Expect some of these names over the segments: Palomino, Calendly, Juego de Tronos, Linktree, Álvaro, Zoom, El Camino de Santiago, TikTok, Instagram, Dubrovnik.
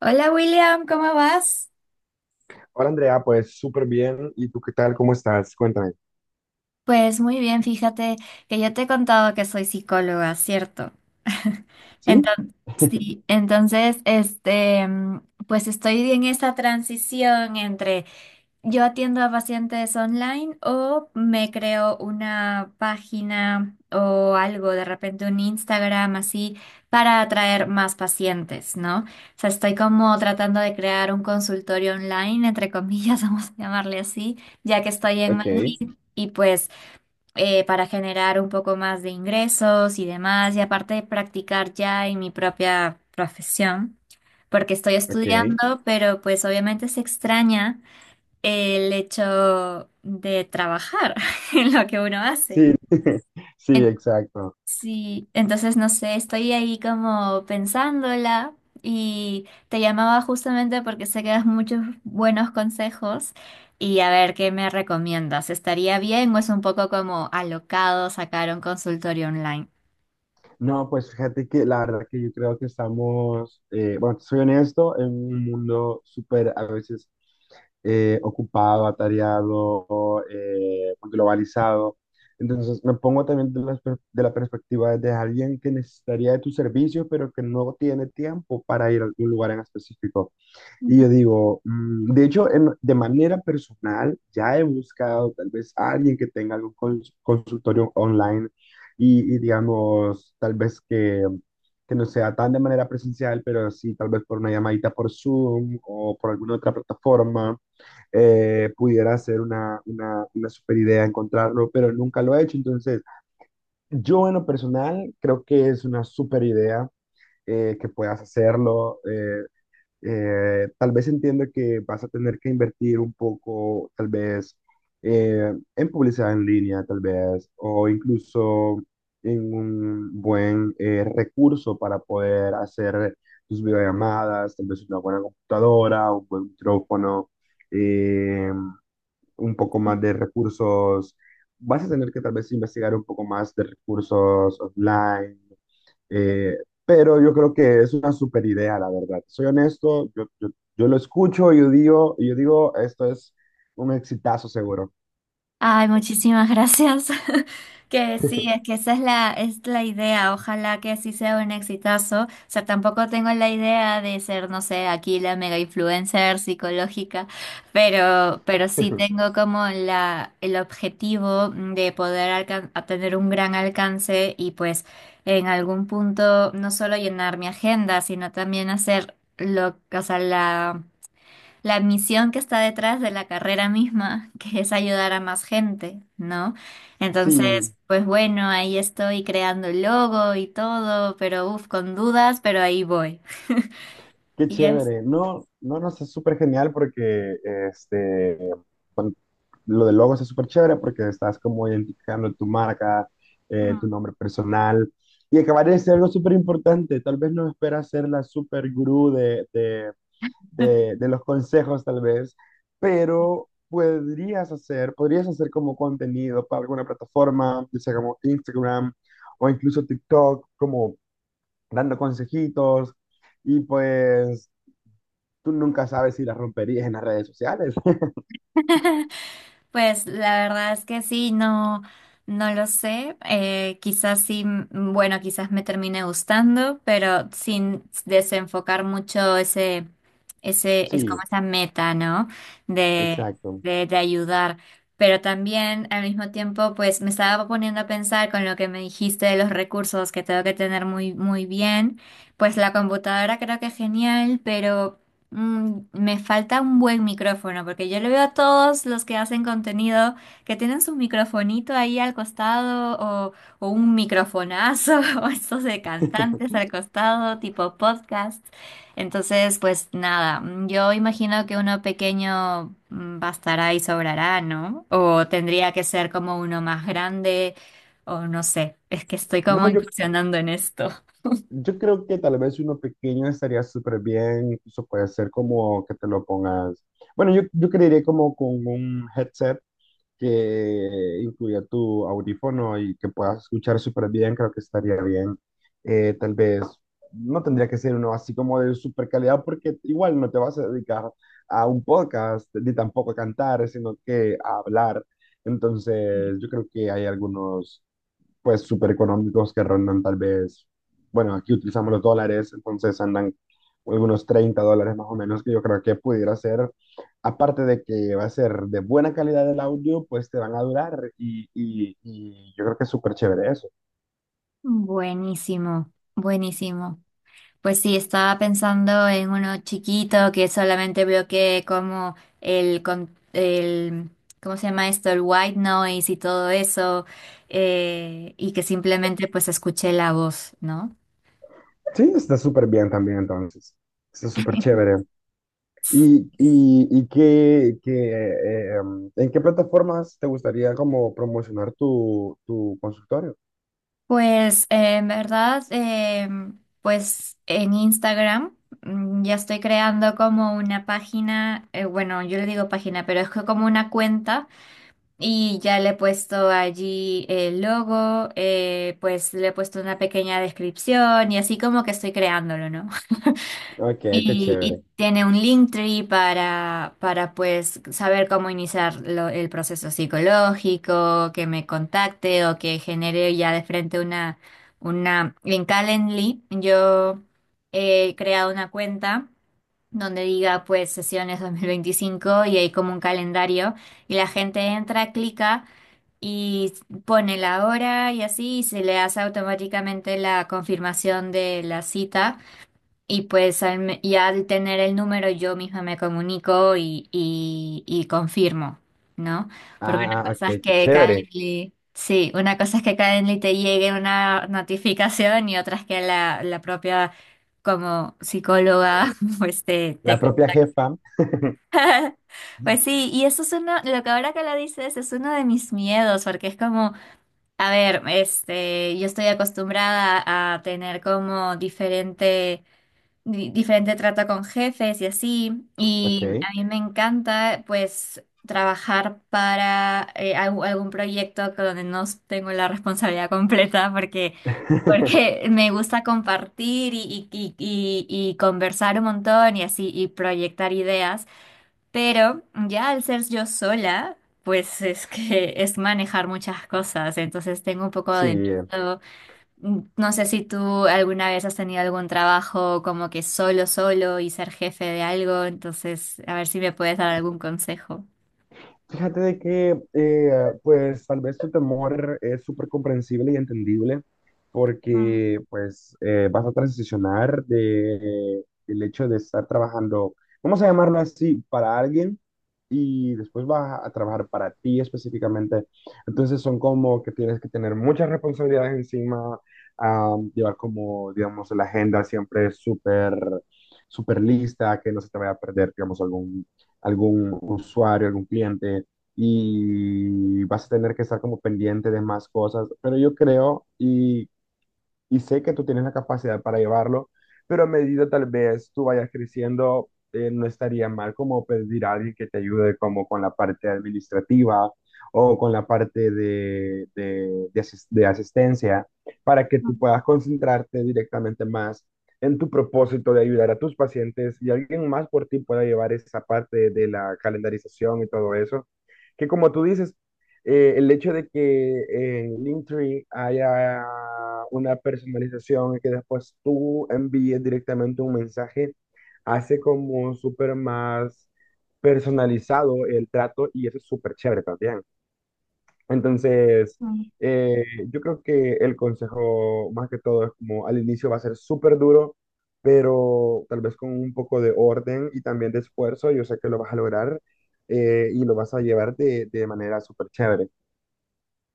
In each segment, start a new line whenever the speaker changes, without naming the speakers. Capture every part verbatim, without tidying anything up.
Hola William, ¿cómo vas?
Hola Andrea, pues súper bien. ¿Y tú qué tal? ¿Cómo estás? Cuéntame.
Pues muy bien, fíjate que yo te he contado que soy psicóloga, ¿cierto?
¿Sí?
Entonces, sí, entonces, este, mm, pues estoy en esa transición entre yo atiendo a pacientes online, o me creo una página o algo, de repente un Instagram así, para atraer más pacientes, ¿no? O sea, estoy como tratando de crear un consultorio online, entre comillas, vamos a llamarle así, ya que estoy en
Ok,
Madrid y pues eh, para generar un poco más de ingresos y demás, y aparte de practicar ya en mi propia profesión, porque estoy
ok.
estudiando, pero pues obviamente se extraña el hecho de trabajar en lo que uno hace.
Sí, sí, exacto.
Sí, entonces no sé, estoy ahí como pensándola, y te llamaba justamente porque sé que das muchos buenos consejos y a ver qué me recomiendas. ¿Estaría bien o es un poco como alocado sacar un consultorio online?
No, pues fíjate que la verdad que yo creo que estamos, eh, bueno, soy honesto, en un mundo súper a veces eh, ocupado, atareado, eh, pues, globalizado. Entonces me pongo también de la, per- de la perspectiva de alguien que necesitaría de tus servicios, pero que no tiene tiempo para ir a algún lugar en específico. Y yo digo, mm, de hecho, en- de manera personal, ya he buscado tal vez a alguien que tenga algún cons- consultorio online y, y digamos, tal vez que, que no sea tan de manera presencial, pero sí tal vez por una llamadita por Zoom o por alguna otra plataforma, eh, pudiera ser una, una, una super idea encontrarlo, pero nunca lo he hecho. Entonces, yo en lo personal creo que es una super idea eh, que puedas hacerlo. Eh, eh, tal vez entienda que vas a tener que invertir un poco, tal vez eh, en publicidad en línea, tal vez, o incluso en un buen eh, recurso para poder hacer tus videollamadas, tal vez una buena computadora, un buen micrófono, eh, un poco más de recursos. Vas a tener que tal vez investigar un poco más de recursos online eh, pero yo creo que es una super idea, la verdad. Soy honesto, yo, yo, yo lo escucho y yo digo, y yo digo, esto es un exitazo seguro.
Ay, muchísimas gracias. Que sí, es que esa es la, es la idea. Ojalá que sí sea un exitazo. O sea, tampoco tengo la idea de ser, no sé, aquí la mega influencer psicológica, pero, pero sí tengo como la, el objetivo de poder alcan- a tener un gran alcance, y pues en algún punto no solo llenar mi agenda, sino también hacer lo, o sea, la la misión que está detrás de la carrera misma, que es ayudar a más gente, ¿no?
Sí,
Entonces, pues bueno, ahí estoy creando el logo y todo, pero uff, con dudas, pero ahí voy.
qué
Y es.
chévere. No, no, no, es súper genial porque este, bueno, lo del logo es súper chévere porque estás como identificando tu marca, eh, tu
Mm.
nombre personal. Y acabar de ser algo súper importante. Tal vez no esperas ser la super gurú de, de, de, de los consejos, tal vez, pero podrías hacer, podrías hacer como contenido para alguna plataforma, ya sea como Instagram o incluso TikTok, como dando consejitos. Y pues tú nunca sabes si las romperías en las redes sociales.
Pues la verdad es que sí, no, no lo sé. Eh, quizás sí, mm, bueno, quizás me termine gustando, pero sin desenfocar mucho ese, ese, es como
Sí,
esa meta, ¿no? De,
exacto.
de, de ayudar. Pero también al mismo tiempo, pues me estaba poniendo a pensar con lo que me dijiste de los recursos, que tengo que tener muy, muy bien. Pues la computadora creo que es genial, pero Mm, me falta un buen micrófono, porque yo le veo a todos los que hacen contenido que tienen su microfonito ahí al costado o, o un microfonazo o estos de cantantes al costado, tipo podcast. Entonces, pues nada, mm, yo imagino que uno pequeño mm, bastará y sobrará, ¿no? O tendría que ser como uno más grande, o no sé, es que estoy
No,
como
yo,
incursionando en esto.
Yo creo que tal vez si uno pequeño estaría súper bien, incluso puede ser como que te lo pongas. Bueno, yo, yo creería como con un headset que incluya tu audífono y que puedas escuchar súper bien, creo que estaría bien. Eh, tal vez no tendría que ser uno así como de súper calidad, porque igual no te vas a dedicar a un podcast ni tampoco a cantar, sino que a hablar. Entonces, yo creo que hay algunos pues súper económicos que rondan tal vez, bueno, aquí utilizamos los dólares, entonces andan unos treinta dólares más o menos, que yo creo que pudiera ser, aparte de que va a ser de buena calidad el audio, pues te van a durar y, y, y yo creo que es súper chévere eso.
Buenísimo, buenísimo. Pues sí, estaba pensando en uno chiquito que solamente bloquee como el, con- el, ¿cómo se llama esto? El white noise y todo eso, eh, y que simplemente pues escuché la voz, ¿no?
Sí, está súper bien también entonces, está súper chévere. ¿Y, y, y qué, qué, eh, em, en qué plataformas te gustaría como promocionar tu, tu consultorio?
Pues eh, en verdad, eh, pues en Instagram mm, ya estoy creando como una página, eh, bueno, yo le digo página, pero es que como una cuenta. Y ya le he puesto allí el logo, eh, pues le he puesto una pequeña descripción y así como que estoy creándolo, ¿no?
Ok, qué
Y, y
chévere.
tiene un Linktree para, para pues saber cómo iniciar lo- el proceso psicológico, que me contacte o que genere ya de frente una, una... En Calendly yo he creado una cuenta donde diga pues sesiones dos mil veinticinco, y hay como un calendario y la gente entra, clica y pone la hora y así, y se le hace automáticamente la confirmación de la cita, y pues al me- ya al tener el número yo misma me comunico y, y, y confirmo, ¿no? Porque
Ah,
una
ah, ok,
cosa es
qué
que
chévere.
Calendly, sí, una cosa es que Calendly te llegue una notificación, y otra es que la, la propia como psicóloga pues te, te
La propia jefa,
pues sí, y eso es uno, lo que ahora que lo dices es uno de mis miedos, porque es como, a ver, este, yo estoy acostumbrada a tener como diferente, di- diferente trato con jefes y así, y
ok.
a mí me encanta pues trabajar para eh, algú- algún proyecto con donde no tengo la responsabilidad completa, porque, porque me gusta compartir y, y, y, y y conversar un montón y así, y proyectar ideas. Pero ya al ser yo sola, pues es que es manejar muchas cosas, entonces tengo un poco
Sí,
de miedo. No sé si tú alguna vez has tenido algún trabajo como que solo, solo y ser jefe de algo, entonces a ver si me puedes dar algún consejo.
fíjate de que, eh, pues, tal vez tu temor es súper comprensible y entendible
Mm,
porque, pues, eh, vas a transicionar de, el hecho de estar trabajando, vamos a llamarlo así, para alguien y después vas a trabajar para ti específicamente. Entonces son como que tienes que tener muchas responsabilidades encima, ah, llevar como, digamos, la agenda siempre súper, súper lista, que no se te vaya a perder, digamos, algún algún usuario, algún cliente, y vas a tener que estar como pendiente de más cosas. Pero yo creo, y y sé que tú tienes la capacidad para llevarlo, pero a medida tal vez tú vayas creciendo, eh, no estaría mal como pedir a alguien que te ayude como con la parte administrativa o con la parte de, de, de asis- de asistencia para que tú puedas concentrarte directamente más en tu propósito de ayudar a tus pacientes y alguien más por ti pueda llevar esa parte de la calendarización y todo eso, que como tú dices, eh, el hecho de que en Linktree haya una personalización y que después tú envíes directamente un mensaje, hace como súper más personalizado el trato y eso es súper chévere también. Entonces,
mm.
eh, yo creo que el consejo más que todo es como al inicio va a ser súper duro, pero tal vez con un poco de orden y también de esfuerzo, yo sé que lo vas a lograr eh, y lo vas a llevar de, de manera súper chévere.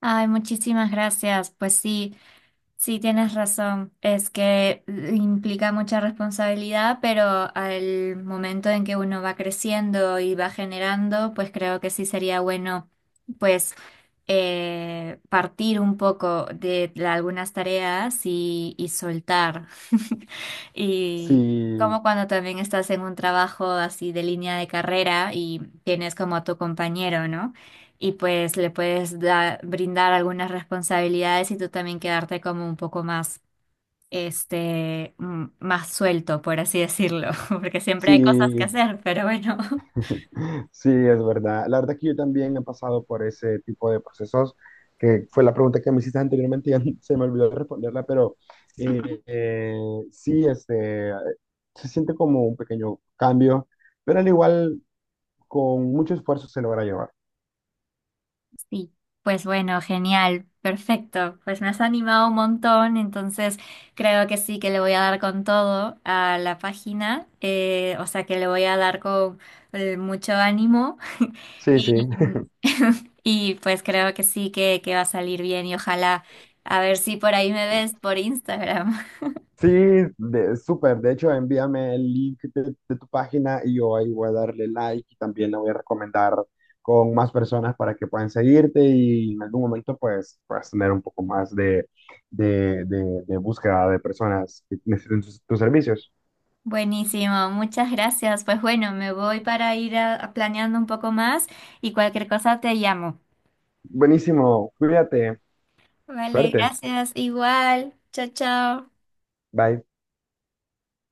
Ay, muchísimas gracias. Pues sí, sí, tienes razón. Es que eh, implica mucha responsabilidad, pero al momento en que uno va creciendo y va generando, pues creo que sí sería bueno, pues, eh, partir un poco de la- algunas tareas, y, y soltar. Y
Sí,
como cuando también estás en un trabajo así de línea de carrera y tienes como a tu compañero, ¿no? Y pues le puedes da- brindar algunas responsabilidades, y tú también quedarte como un poco más, este, mm, más suelto, por así decirlo, porque siempre hay cosas que
sí,
hacer, pero bueno,
sí, es verdad. La verdad que yo también he pasado por ese tipo de procesos, que fue la pregunta que me hiciste anteriormente y ya se me olvidó responderla, pero eh, eh, sí, este, se siente como un pequeño cambio, pero al igual con mucho esfuerzo se logra llevar.
sí. Pues bueno, genial, perfecto. Pues me has animado un montón, entonces creo que sí que le voy a dar con todo a la página, eh, o sea que le voy a dar con eh, mucho ánimo.
Sí, sí.
Y, y pues creo que sí que, que va a salir bien, y ojalá a ver si por ahí me ves por Instagram.
Sí, de, súper. De hecho, envíame el link de, de tu página y yo ahí voy a darle like y también la voy a recomendar con más personas para que puedan seguirte y en algún momento pues puedas tener un poco más de, de, de, de búsqueda de personas que necesiten tus tus servicios.
Buenísimo, muchas gracias. Pues bueno, me voy para ir a- a planeando un poco más, y cualquier cosa te llamo.
Buenísimo, cuídate,
Vale,
suerte,
gracias, igual. Chao, chao.
bye.